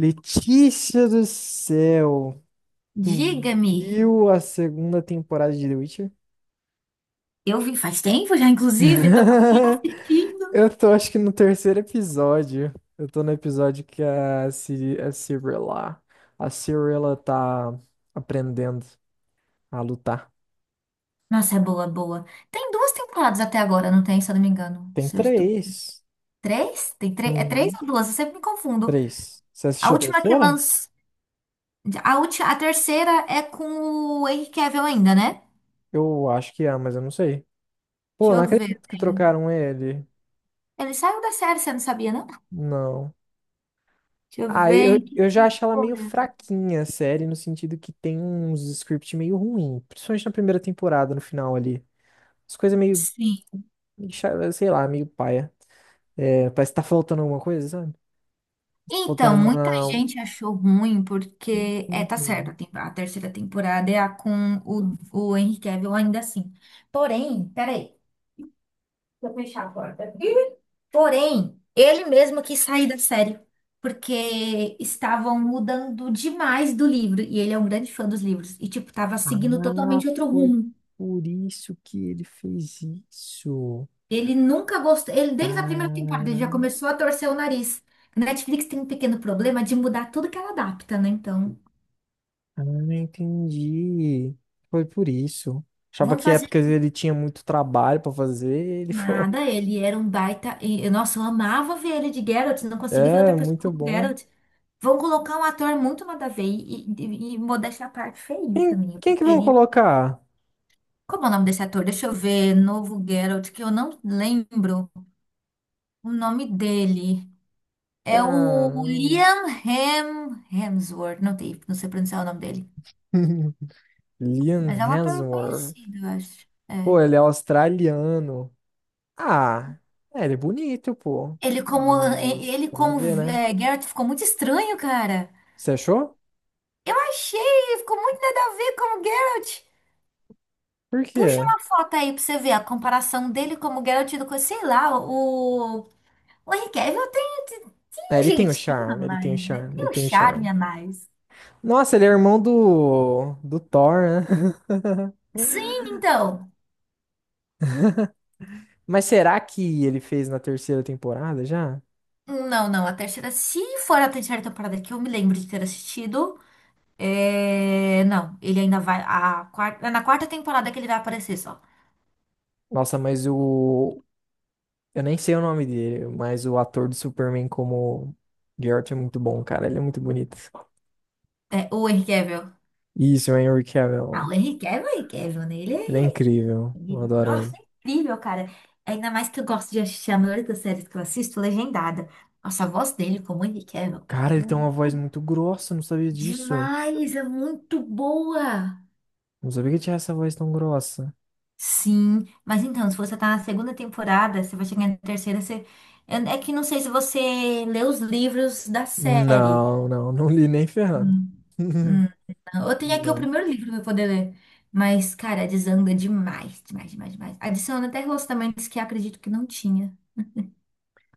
Letícia do céu, tu Diga-me, viu a segunda temporada de The Witcher? eu vi faz tempo já, inclusive, tô curtindo. Eu tô, acho que no terceiro episódio. Eu tô no episódio que a, Ciri, a Cirilla, tá aprendendo a lutar. Nossa, é boa, boa. Tem duas temporadas até agora, não tem, se eu não me engano. Tem Se eu estou... três. Três? Tem três? É três Uhum. ou duas? Eu sempre me confundo. Três. Você A assistiu a última que terceira? lança. A, a terceira é com o Henry Cavill ainda, né? Eu acho que é, mas eu não sei. Deixa Pô, não eu ver. acredito que trocaram ele. Ele saiu da série, você não sabia, não? Não. Deixa eu Ah, ver eu, em que. eu já acho ela meio fraquinha, a série, no sentido que tem uns script meio ruim, principalmente na primeira temporada, no final ali. As coisas meio, Sim. Sei lá, meio paia. É, parece que tá faltando alguma coisa, sabe? Tá faltando Então, muita uma. gente achou ruim porque é, tá certo, Uhum. A terceira temporada é a com o Henry Cavill ainda assim. Porém, peraí, deixa eu fechar a porta. Porém, ele mesmo quis sair da série porque estavam mudando demais do livro, e ele é um grande fã dos livros e tipo tava seguindo Ah, totalmente outro foi rumo. por isso que ele fez isso. Ele nunca gostou, ele desde a primeira temporada ele Cara, já começou a torcer o nariz. A Netflix tem um pequeno problema de mudar tudo que ela adapta, né? Então, ah, não entendi. Foi por isso. Achava vamos que fazer épocas ele tinha muito trabalho pra fazer, ele falou, nada, ele era um baita. Nossa, eu amava ver ele de Geralt, não consigo ver é, outra pessoa muito como bom. Geralt. Vão colocar um ator muito nada a ver e modéstia à parte feio Quem, também. Eu quem que vão preferia. colocar? Como é o nome desse ator? Deixa eu ver. Novo Geralt, que eu não lembro o nome dele. É o Caramba. Liam Hemsworth, não, tem, não sei pronunciar o nome dele. Mas Liam é um ator Hemsworth. conhecido, eu acho. Pô, É. ele é australiano. Ah, é, ele é bonito, pô. Ele como, Mas, ele vamos como ver, né? é, Geralt ficou muito estranho, cara. Você achou? Eu achei, ficou muito nada a ver como Geralt. Por Puxa quê? uma foto aí pra você ver a comparação dele como Geralt do que, sei lá, o. O Henry Cavill tem, tem É, um ele tem o jeitinho a charme, ele mais, tem o né? charme, ele Tem um tem o charme charme. a mais. Nossa, ele é irmão do Thor, né? Sim, então. Mas será que ele fez na terceira temporada já? Não, não, a terceira, se for a terceira temporada que eu me lembro de ter assistido, é... não, ele ainda vai. A quarta, é na quarta temporada que ele vai aparecer só. Nossa, eu nem sei o nome dele, mas o ator do Superman como Garrett é muito bom, cara. Ele é muito bonito. É, o Henry Cavill. Isso, o Henry Ah, Cavill. o Henry Cavill, é o Henry Cavill, né? Ele Ele é é. incrível. Eu E, adoro nossa, ele. é incrível, cara. Ainda mais que eu gosto de assistir a maioria das séries que eu assisto legendada. Nossa, a voz dele, como ele quer, meu. Cara, ele tem Hum, uma voz muito grossa, eu não sabia disso. Demais, é muito boa. Não sabia que tinha essa voz tão grossa. Sim, mas então, se você tá na segunda temporada, você vai chegar na terceira, você... É que não sei se você lê os livros da série. Não, não, não li nem ferrando. Hum. Hum, não. Eu tenho aqui o Não. primeiro livro pra eu poder ler. Mas, cara, desanda demais, demais, demais, demais. Adiciona até relacionamentos que eu acredito que não tinha.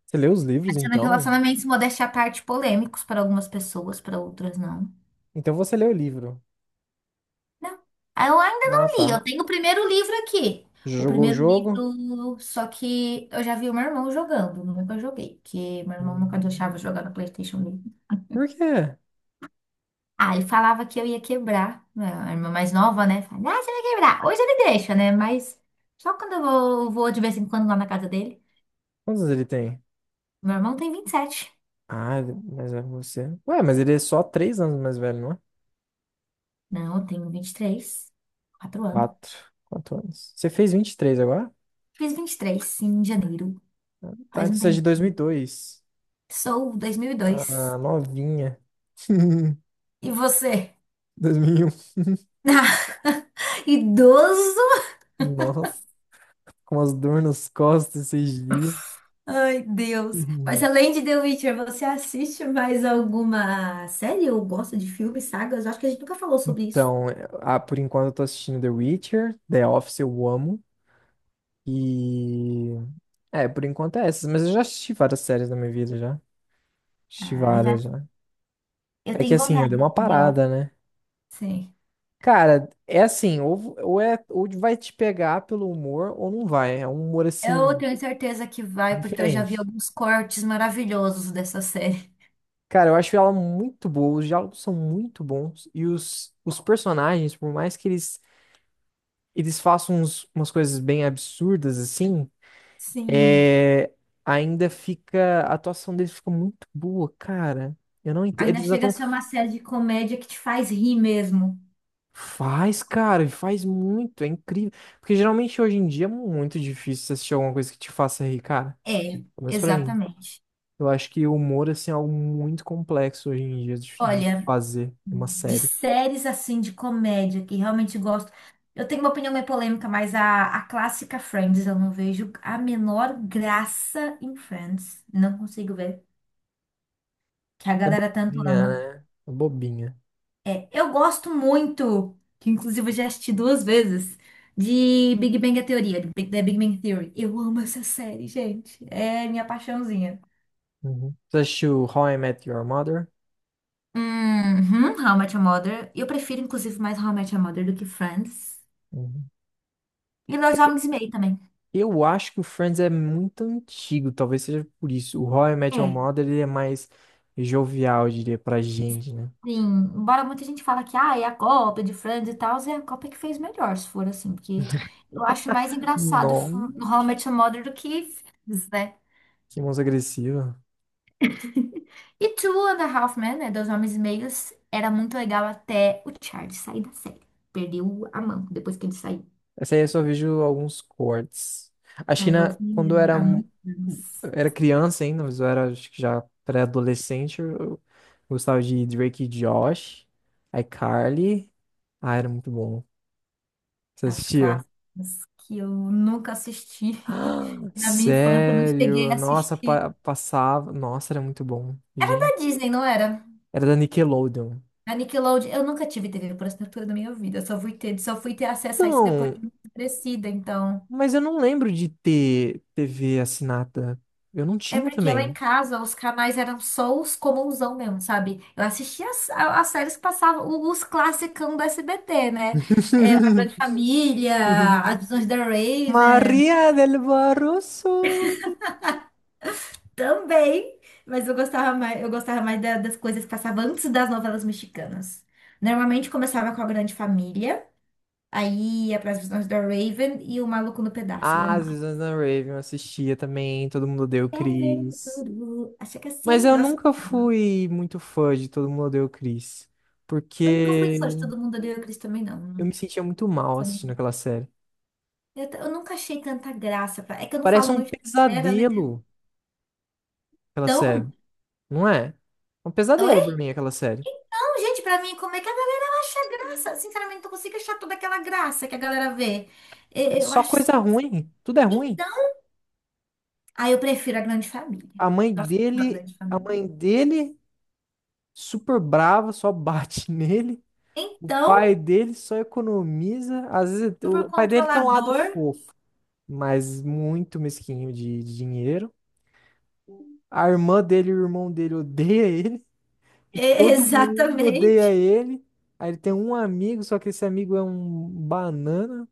Você leu os livros, Adicionando então? relacionamentos modéstia à parte polêmicos para algumas pessoas, para outras não. Então você leu o livro. Não. Ah, eu ainda Ah, não li, tá. eu tenho o primeiro livro aqui. Já O jogou o primeiro jogo? livro, só que eu já vi o meu irmão jogando, nunca joguei, porque meu irmão nunca Hum. deixava eu jogar no PlayStation dele. Por quê? Ah, ele falava que eu ia quebrar, né, a irmã mais nova, né? Falava, ah, você vai quebrar. Hoje ele deixa, né? Mas só quando eu vou de vez em quando lá na casa dele. Quantos anos ele tem? Meu irmão tem 27. Ah, ele é mais velho que você. Ué, mas ele é só 3 anos mais velho, não é? Não, eu tenho 23 4 anos. Quatro. 4 anos. Você fez 23 agora? Fiz 23 em janeiro. Tá, Faz então um você é de tempo. 2002. Sou 2002. Ah, novinha. E você? 2001. Idoso? Nossa, com as dor nas costas esses dias. Ai, Deus. Mas Uhum. além de The Witcher, você assiste mais alguma série ou gosta de filmes, sagas? Eu acho que a gente nunca falou sobre isso. Então, por enquanto eu tô assistindo The Witcher, The Office eu amo. E. É, por enquanto é essas, mas eu já assisti várias séries na minha vida já. Assisti Ah, já. várias já. Eu É que tenho assim, eu vontade dei uma de ó. parada, né? Sim. Cara, é assim, ou vai te pegar pelo humor ou não vai. É um humor Eu assim. tenho certeza que vai, porque eu já vi Diferente. alguns cortes maravilhosos dessa série. Cara, eu acho ela muito boa, os diálogos são muito bons e os personagens, por mais que eles façam umas coisas bem absurdas assim, Sim. é, ainda fica, a atuação deles fica muito boa, cara. Eu não entendo, Ainda eles chega a atuam, ser uma série de comédia que te faz rir mesmo. faz, cara, e faz muito, é incrível. Porque geralmente hoje em dia é muito difícil você assistir alguma coisa que te faça rir, cara. É, Pelo menos pra mim. exatamente. Eu acho que o humor, assim, é algo muito complexo hoje em dia de Olha, fazer uma de série. séries assim de comédia que realmente gosto. Eu tenho uma opinião meio polêmica, mas a clássica Friends, eu não vejo a menor graça em Friends. Não consigo ver. Que a É galera tanto bobinha, ama. né? É bobinha. É, eu gosto muito, que inclusive eu já assisti duas vezes, de Big Bang Theory, de The Big Bang Theory. Eu amo essa série, gente. É minha paixãozinha. Uhum. Você assistiu How I Met Your Mother? Uhum, How I Met Your Mother. Eu prefiro, inclusive, mais How I Met Your Mother do que Friends. Uhum. E Dois Homens e Meio também. Eu acho que o Friends é muito antigo, talvez seja por isso. O How I Met Your Mother ele é mais jovial, eu diria, pra gente, né? Sim, embora muita gente fala que ah, é a Copa de Friends e tal, é a Copa que fez melhor, se for assim, porque eu acho mais engraçado Não, How I Met Your Mother do que Friends, né? que música agressiva. E Two and a Half Men, né, Dois Homens e Meios, era muito legal até o Charlie sair da série. Perdeu a mão depois que ele saiu. Essa aí eu só vejo alguns cortes. Acho que Aí eu na, vi quando eu era, há muitos anos era criança ainda, mas eu era acho que já pré-adolescente, eu gostava de Drake e Josh, iCarly. Ah, era muito bom. Você as assistia? clássicas que eu nunca assisti. Ah, Na minha infância eu não cheguei sério? a Nossa, assistir. Passava. Nossa, era muito bom. Era Gente, da Disney, não era? era da Nickelodeon. A Nickelodeon, eu nunca tive TV por assinatura na minha vida. Eu só fui ter acesso a isso depois Não, de muito crescida, então. mas eu não lembro de ter TV assinada. Eu não É tinha porque lá em também. casa os canais eram só os comunsão mesmo, sabe? Eu assistia as, as séries que passavam, os classicão do SBT, né? A Grande Família, As Visões da Raven, Maria del Barroso. também. Mas eu gostava mais das coisas que passavam antes das novelas mexicanas. Normalmente começava com a Grande Família, aí ia para As Visões da Raven e o Maluco no Pedaço. Eu Ah, as amava. Visões da Raven eu assistia também. Todo mundo odeia o Quer ver Chris. tudo? Acha que Mas assim, eu nossa, nunca fui muito fã de Todo Mundo Odeia o Chris. eu nunca fui fã de Porque Todo Mundo Odeia o Chris também, não. eu Não me sentia muito mal foi minha. assistindo aquela série. Eu nunca achei tanta graça. É que eu não Parece falo um muito era, né? pesadelo aquela série, Então, não é? É um pesadelo oi? pra mim aquela série. Não, gente, pra mim, como é que a galera acha graça? Sinceramente, não consigo achar toda aquela graça que a galera vê. Eu, É eu só acho. coisa ruim, tudo é ruim. Então, aí eu prefiro a grande família. A mãe Nossa, eu amo a dele, grande a família. mãe dele super brava, só bate nele. O Então, pai dele só economiza. Às vezes super o pai dele tem um lado controlador. fofo, mas muito mesquinho de dinheiro. A irmã dele e o irmão dele odeia ele e E- todo mundo odeia Exatamente. ele. Aí ele tem um amigo, só que esse amigo é um banana.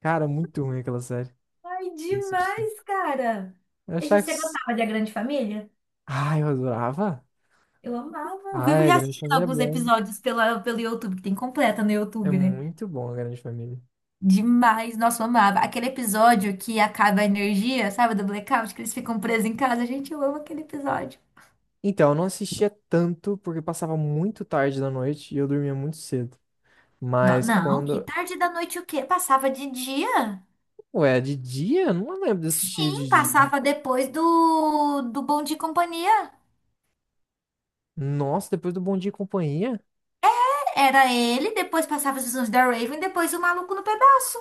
Cara, muito ruim aquela série. Ai, Eu assisti. demais, cara. Eu E achava que... você gostava de A Grande Família? Ah, eu adorava. Eu amava. Eu Ah, vivo é, Grande reassistindo Família é alguns bom. episódios pela, pelo YouTube, que tem completa no É YouTube, né? muito bom a Grande Família. Demais. Nossa, eu amava. Aquele episódio que acaba a energia, sabe, do blackout, que eles ficam presos em casa. Gente, eu amo aquele episódio. Então, eu não assistia tanto porque passava muito tarde da noite e eu dormia muito cedo. Não, Mas não, que quando... tarde da noite o quê? Passava de dia? Ué, é de dia? Eu não lembro de assistir Sim, de dia. passava depois do, do Bom Dia e Companhia. Nossa, depois do Bom Dia e Companhia? Era ele, depois passava as visões da Raven, depois o maluco no pedaço.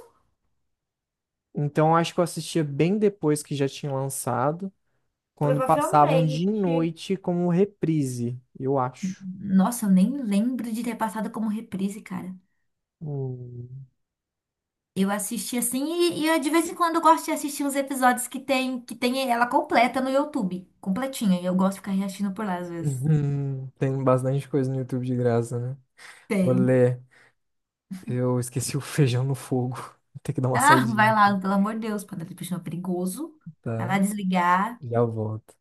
Então, eu acho que eu assistia bem depois que já tinha lançado, quando passavam de Provavelmente. noite como reprise, eu acho. Nossa, eu nem lembro de ter passado como reprise, cara. Hum. Eu assisti assim e de vez em quando eu gosto de assistir uns episódios que tem ela completa no YouTube, completinha. E eu gosto de ficar reassistindo por lá às vezes. Uhum. Tem bastante coisa no YouTube de graça, né? Tem. Olê, eu esqueci o feijão no fogo. Vou ter que dar uma Ah, saidinha, vai aqui, lá, pelo amor de Deus, para dar é perigoso. Vai tá? lá desligar. Já volto.